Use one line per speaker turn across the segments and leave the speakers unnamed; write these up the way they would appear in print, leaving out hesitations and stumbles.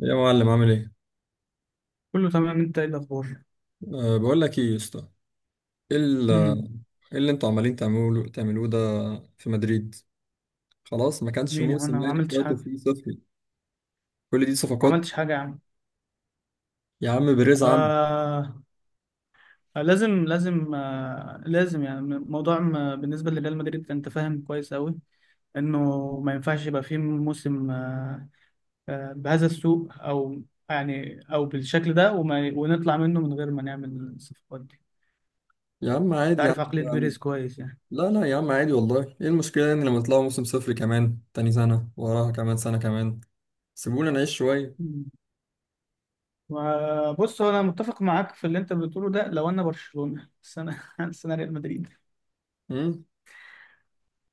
يا معلم، عامل ايه؟
كله تمام. انت ايه الاخبار؟
أه، بقول لك ايه يا اسطى. ايه ال-
امم
إيه اللي انتوا عمالين تعملوه ده في مدريد؟ خلاص، ما كانش
مين يا عم؟ انا
موسم
ما
يعني في
عملتش
وقته
حاجه،
فيه صفري، كل دي
ما
صفقات
عملتش حاجه يا عم.
يا عم بيريز عم.
آه، لازم يعني موضوع ما بالنسبه لريال مدريد، انت فاهم كويس قوي انه ما ينفعش يبقى فيه موسم آه بهذا السوء، او يعني او بالشكل ده ونطلع منه من غير ما نعمل الصفقات دي.
يا عم
انت
عادي، يا عم
عارف عقليه
يا عم.
بيريز كويس يعني.
لا لا يا عم، عادي والله، ايه المشكلة يعني لما طلعوا موسم صفري كمان، تاني سنة وراها، كمان سنة كمان. سيبونا نعيش شوية.
مم. وبص، هو انا متفق معاك في اللي انت بتقوله ده لو انا برشلونه، بس انا بس انا ريال مدريد.
امم.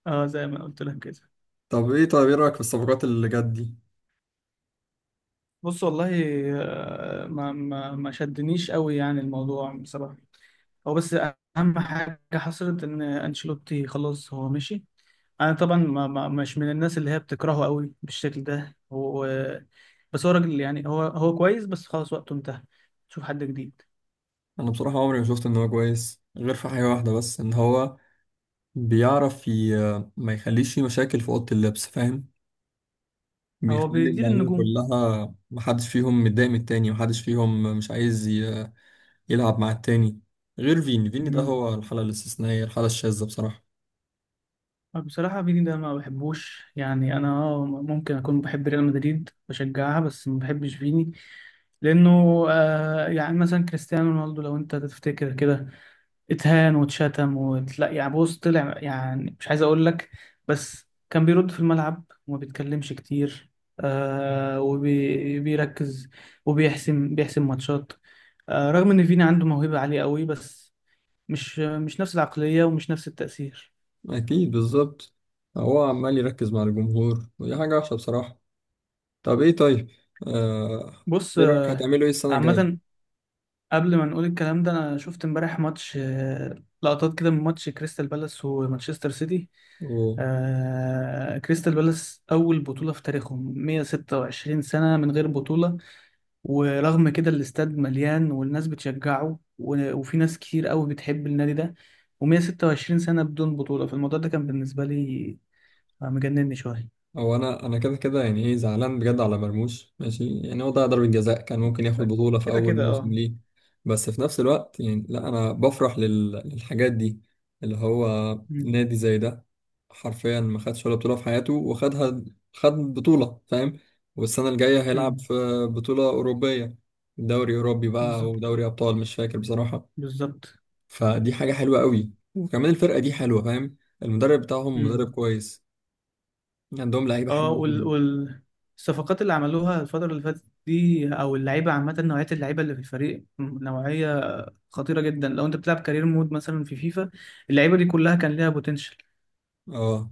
اه، زي ما قلت لك كده.
طب ايه، طيب ايه رأيك في الصفقات اللي جت دي؟
بص والله، ما شدنيش قوي يعني الموضوع بصراحة. هو بس أهم حاجة حصلت إن أنشيلوتي خلاص هو مشي. أنا طبعا ما ما مش من الناس اللي هي بتكرهه قوي بالشكل ده، هو بس هو راجل يعني، هو كويس، بس خلاص وقته انتهى. شوف حد جديد.
انا بصراحة عمري ما شفت ان هو كويس غير في حاجة واحدة بس، ان هو بيعرف ما يخليش فيه مشاكل في أوضة اللبس، فاهم.
هو
بيخلي
بيدير
اللعيبة
النجوم.
كلها محدش فيهم متضايق من التاني، محدش فيهم مش عايز يلعب مع التاني. غير فيني، فيني ده
مم.
هو الحالة الاستثنائية، الحالة الشاذة بصراحة.
بصراحة فيني ده ما بحبوش يعني، أنا ممكن أكون بحب ريال مدريد، بشجعها، بس ما بحبش فيني، لأنه يعني مثلا كريستيانو رونالدو، لو أنت تفتكر كده، اتهان واتشتم وتلاقي، يعني بص طلع يعني مش عايز أقول لك، بس كان بيرد في الملعب وما بيتكلمش كتير، وبيركز وبيحسم ماتشات. رغم إن فيني عنده موهبة عالية قوي، بس مش نفس العقلية، ومش نفس التأثير.
أكيد بالظبط، هو عمال يركز مع الجمهور ودي حاجة وحشة بصراحة. طب إيه، طيب آه...
بص،
إيه رأيك هتعملوا إيه السنة
عامة، قبل ما نقول الكلام ده، أنا شفت امبارح ماتش، لقطات كده من ماتش كريستال بالاس ومانشستر سيتي.
الجاية؟
كريستال بالاس، أول بطولة في تاريخهم، 126 سنة من غير بطولة. ورغم كده الاستاد مليان والناس بتشجعه، وفي ناس كتير قوي بتحب النادي ده، و126 سنة بدون بطولة. فالموضوع ده كان بالنسبة لي مجنني شوية.
هو انا كده كده يعني ايه، زعلان بجد على مرموش ماشي، يعني هو ضيع ضربة جزاء كان ممكن ياخد بطولة في
كده
اول
كده،
موسم
اه.
ليه. بس في نفس الوقت يعني لا، انا بفرح للحاجات دي، اللي هو
مم.
نادي زي ده حرفيا ما خدش ولا بطولة في حياته وخدها، خد بطولة، فاهم. والسنة الجاية هيلعب
مم.
في بطولة أوروبية، دوري أوروبي بقى أو
بالظبط.
دوري أبطال مش فاكر بصراحة.
بالظبط.
فدي حاجة حلوة قوي، وكمان الفرقة دي حلوة فاهم. المدرب بتاعهم مدرب كويس، عندهم لعيبة
اه
حلوة قوي.
والصفقات اللي عملوها الفترة اللي فاتت دي، او اللعيبة عامة، نوعية اللعيبة اللي في الفريق نوعية خطيرة جدا. لو انت بتلعب كارير مود مثلا في فيفا، اللعيبة دي كلها كان ليها بوتنشال.
اه،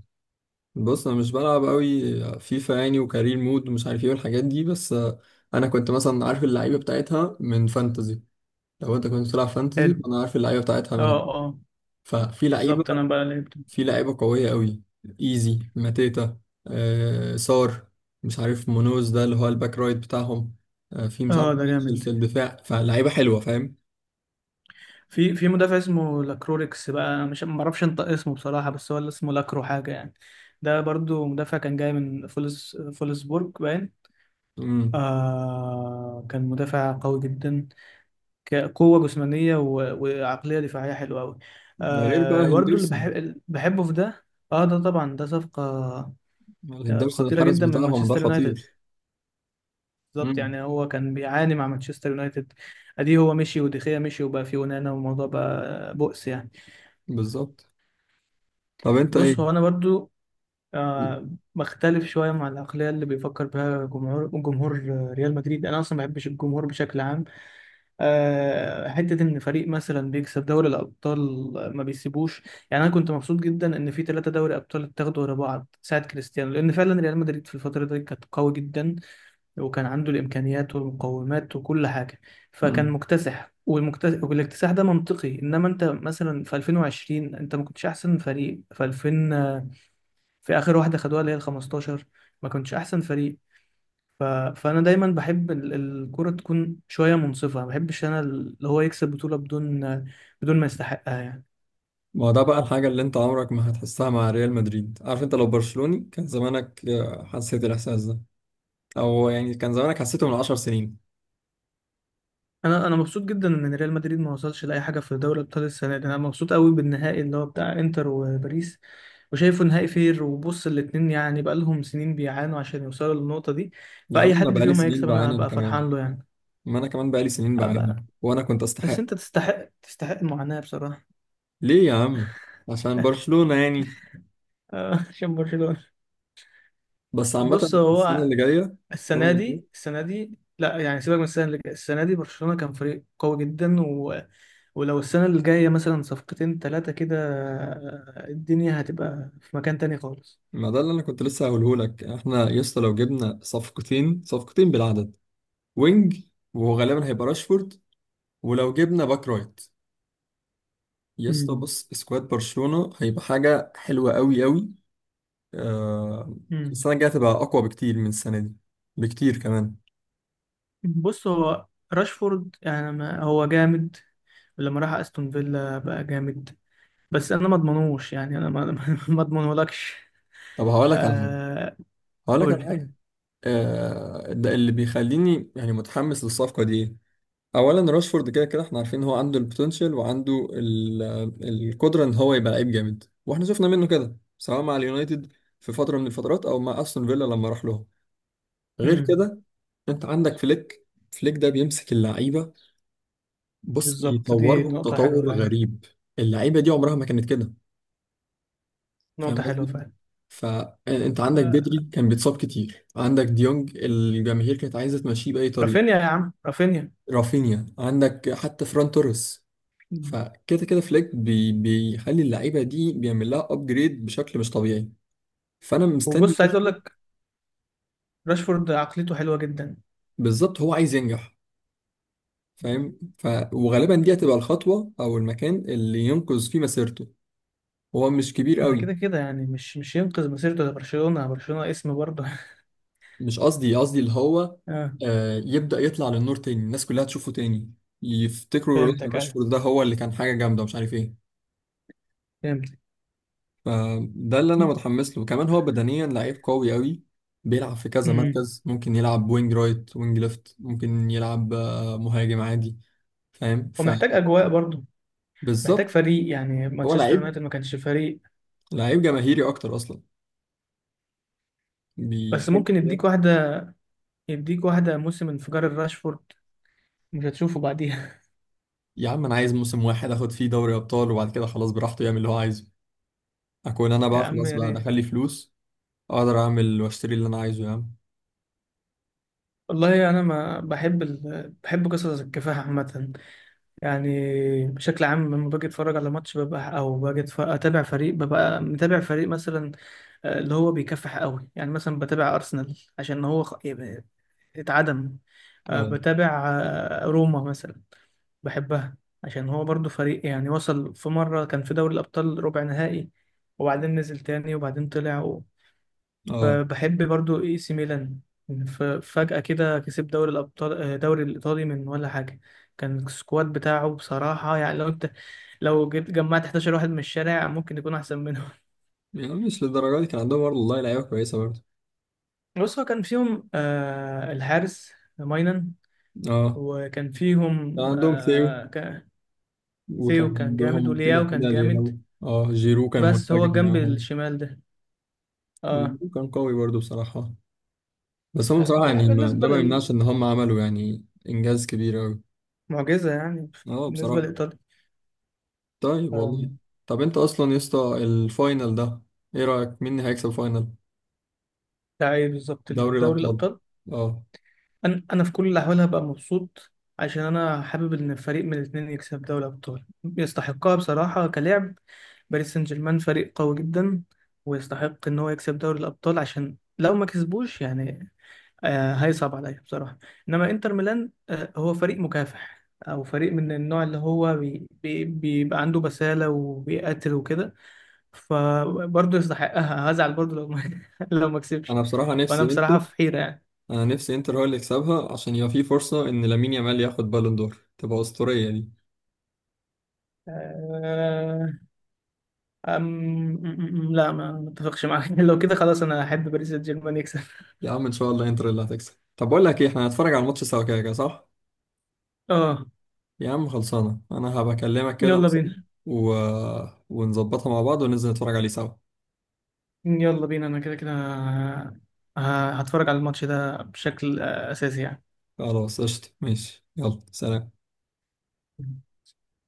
بص انا مش بلعب قوي فيفا يعني، وكارير مود ومش عارف ايه والحاجات دي، بس انا كنت مثلا عارف اللعيبه بتاعتها من فانتزي. لو انت كنت بتلعب فانتزي
حلو.
انا عارف اللعيبه بتاعتها منها.
اه، اه.
ففي لعيبه
بالظبط، انا بقى لعبت.
في لعيبه قويه قوي، ايزي ماتيتا، سار، مش عارف مونوز ده اللي هو الباك رايت بتاعهم، في مش عارف.
اه، ده
في
جامد.
في الدفاع، فلعيبه حلوه فاهم.
في مدافع اسمه لاكروريكس بقى، مش ما اعرفش انطق اسمه بصراحة، بس هو اللي اسمه لاكرو حاجة يعني، ده برضو مدافع كان جاي من فولسبورج باين.
امم.
كان مدافع قوي جدا، كقوة جسمانية وعقلية دفاعية حلوة أوي.
ده غير بقى
برضو
هندرسون،
اللي بحبه في ده، اه ده طبعا ده صفقة
هندرسون
خطيرة
الحارس
جدا من
بتاعهم ده
مانشستر يونايتد.
خطير.
بالظبط،
امم
يعني هو كان بيعاني مع مانشستر يونايتد، ادي هو مشي وديخيا مشي، وبقى في ونانا، والموضوع بقى بؤس يعني.
بالظبط. طب انت
بص
ايه؟
هو انا برضو آه بختلف شوية مع العقلية اللي بيفكر بها جمهور، جمهور ريال مدريد. انا اصلا ما بحبش الجمهور بشكل عام. حتة إن فريق مثلا بيكسب دوري الأبطال ما بيسيبوش. يعني أنا كنت مبسوط جدا إن في ثلاثة دوري أبطال اتاخدوا ورا بعض ساعة كريستيانو، لأن فعلا ريال مدريد في الفترة دي كانت قوي جدا، وكان عنده الإمكانيات والمقومات وكل حاجة، فكان
مم.
مكتسح، والمكتسح والاكتساح ده منطقي. إنما أنت مثلا في 2020 أنت ما كنتش أحسن فريق، في 2000 في آخر واحدة خدوها اللي هي ال 15، ما كنتش أحسن فريق. ف... فانا دايما بحب الكرة تكون شويه منصفه، ما بحبش انا اللي هو يكسب بطوله بدون ما يستحقها يعني.
ما هو ده بقى الحاجة اللي انت عمرك ما هتحسها مع ريال مدريد، عارف، انت لو برشلوني كان زمانك حسيت الإحساس ده، أو يعني كان زمانك حسيته من 10 سنين.
انا مبسوط جدا ان ريال مدريد ما وصلش لاي حاجه في دوري الابطال السنه دي. انا مبسوط قوي بالنهائي اللي هو بتاع انتر وباريس، وشايفه نهائي فير. وبص، الاتنين يعني بقالهم سنين بيعانوا عشان يوصلوا للنقطه دي،
يا عم
فاي
أنا
حد
بقالي
فيهم
سنين
هيكسب انا
بعاني أنا
هبقى
كمان،
فرحان له يعني.
ما أنا كمان بقالي سنين بعاني
هبقى
وأنا كنت
بس
أستحق.
انت تستحق، تستحق المعاناه بصراحه.
ليه يا عم، عشان برشلونة يعني.
عشان برشلونه.
بس
بص
عامة، السنة
هو،
اللي جاية، السنة
السنه
اللي جاية،
دي، السنه دي لا يعني، سيبك من السنه اللي جايه، السنه دي برشلونه كان فريق قوي جدا ولو السنه اللي جايه مثلا صفقتين ثلاثه كده، الدنيا هتبقى في مكان تاني خالص.
ما ده اللي أنا كنت لسه هقوله لك، احنا يا اسطى لو جبنا صفقتين، صفقتين بالعدد، وينج، وغالبا هيبقى راشفورد، ولو جبنا باك رايت يا اسطى،
مم.
بص سكواد برشلونة هيبقى حاجة حلوة قوي قوي. آه.
مم.
السنة الجاية هتبقى أقوى بكتير من السنة دي، بكتير كمان.
بص هو راشفورد يعني ما هو جامد، لما راح استون فيلا بقى جامد، بس انا ما اضمنوش، يعني انا ما ما اضمنهولكش.
طب هقول لك على حاجة،
آه.
هقول لك
قول
على
لي.
حاجة. آه، ده اللي بيخليني يعني متحمس للصفقة دي إيه؟ أولا راشفورد كده كده احنا عارفين إن هو عنده البوتنشال وعنده القدرة إن هو يبقى لعيب جامد، واحنا شفنا منه كده سواء مع اليونايتد في فترة من الفترات، أو مع أستون فيلا لما راح لهم. غير
مم.
كده، أنت عندك فليك، فليك ده بيمسك اللعيبة بص،
بالظبط، دي
يطورهم
نقطة حلوة
تطور
فعلا.
غريب. اللعيبه دي عمرها ما كانت كده، فاهم
نقطة حلوة
قصدي.
فعلا.
فانت عندك
آه،
بدري كان بيتصاب كتير، عندك ديونج الجماهير كانت عايزه تمشيه باي طريقه،
رافينيا يا عم، رافينيا.
رافينيا، عندك حتى فران توريس. فكده كده فليك بيخلي اللعيبه دي، بيعمل لها ابجريد بشكل مش طبيعي. فانا مستني
وبص، عايز اقول
أشوف.
لك، راشفورد عقليته حلوه جدا.
بالظبط هو عايز ينجح، فاهم، وغالبا دي هتبقى الخطوه او المكان اللي ينقذ فيه مسيرته، هو مش كبير
ده
قوي.
كده كده يعني مش ينقذ مسيرته لبرشلونه، برشلونه اسم برضه.
مش قصدي، قصدي اللي هو
اه.
يبدأ يطلع للنور تاني، الناس كلها تشوفه تاني، يفتكروا لا،
فهمتك، ايوه،
راشفورد ده هو اللي كان حاجة جامدة مش عارف ايه.
فهمتك.
فده اللي انا متحمس له كمان، هو بدنيا لعيب قوي قوي، بيلعب في كذا
امم
مركز، ممكن يلعب وينج رايت، وينج ليفت، ممكن يلعب مهاجم عادي فاهم.
ومحتاج اجواء برضه، محتاج
فبالظبط،
فريق، يعني
هو
مانشستر
لعيب،
يونايتد ما كانش فريق.
لعيب جماهيري اكتر اصلا،
بس
بيحب.
ممكن يديك واحده موسم انفجار الراشفورد، مش هتشوفه بعديها.
يا عم انا عايز موسم واحد اخد فيه دوري ابطال، وبعد كده خلاص براحته يعمل اللي هو عايزه، اكون انا
يا
بقى
عم
خلاص،
يا
بقى دخل
ريت.
لي فلوس، اقدر اعمل واشتري اللي انا عايزه يا عم.
والله انا ما بحب بحب قصص الكفاح عامه، يعني بشكل عام، لما باجي اتفرج على ماتش ببقى، او باجي اتابع فريق، ببقى متابع فريق مثلا اللي هو بيكفح قوي يعني. مثلا بتابع أرسنال عشان هو اتعدم.
اه
بتابع روما مثلا، بحبها عشان هو برضو فريق يعني وصل في مرة كان في دوري الأبطال ربع نهائي، وبعدين نزل تاني، وبعدين طلع
اه،
بحب برضو اي سي ميلان. فجأة كده كسب دوري الأبطال، دوري الإيطالي، من ولا حاجة. كان السكواد بتاعه بصراحة، يعني لو جيت جمعت 11 واحد من الشارع ممكن يكون أحسن.
يعني مش للدرجه دي، كان عندهم برضه والله لعيبه كويسه برضه.
بص هو كان فيهم الحارس ماينن،
اه
وكان
كان
فيهم
عندهم تيو، وكان
ثيو كان جامد
عندهم كده
ولياو كان
كده
جامد،
لياو. اه، جيرو كان
بس هو
منفجر
الجنب
معاهم.
الشمال ده. اه،
جيرو كان قوي برضه بصراحه، بس هم بصراحه يعني
يعني
ده
بالنسبة
ما يمنعش ان هم عملوا يعني انجاز كبير قوي.
للمعجزة يعني،
اه
بالنسبة
بصراحه.
لإيطاليا.
طيب والله،
آم،
طب انت اصلا يا اسطى الفاينل ده، ايه رايك مين اللي هيكسب فاينل
ده ايه بالظبط؟
دوري
دوري
الابطال؟
الأبطال.
اه.
انا في كل الاحوال هبقى مبسوط، عشان انا حابب ان فريق من الاثنين يكسب دوري ابطال، يستحقها بصراحه كلاعب. باريس سان جيرمان فريق قوي جدا، ويستحق ان هو يكسب دوري الابطال، عشان لو ما كسبوش يعني هيصعب عليا بصراحه. انما انتر ميلان هو فريق مكافح، او فريق من النوع اللي هو بي بي بيبقى عنده بساله وبيقاتل وكده، فبرضه يستحقها. هزعل برضه لو ما لو ما كسبش.
انا بصراحه
فانا
نفسي انت،
بصراحه في حيره يعني.
انا نفسي انتر هو اللي يكسبها عشان يبقى في فرصه ان لامين يامال ياخد بالون دور تبقى اسطوريه دي.
آه، لا، ما اتفقش معاك. لو كده خلاص انا احب باريس سان جيرمان يكسب.
يا عم ان شاء الله انتر اللي هتكسب. طب بقول لك ايه، احنا هنتفرج على الماتش سوا كده كده، صح؟
اه.
يا عم خلصانه انا هبقى اكلمك كده
يلا
مثلا
بينا.
و... ونظبطها مع بعض وننزل نتفرج عليه سوا.
يلا بينا، انا كده كده هتفرج على الماتش ده بشكل اساسي يعني.
خلاص قشطه ماشي، يلا سلام.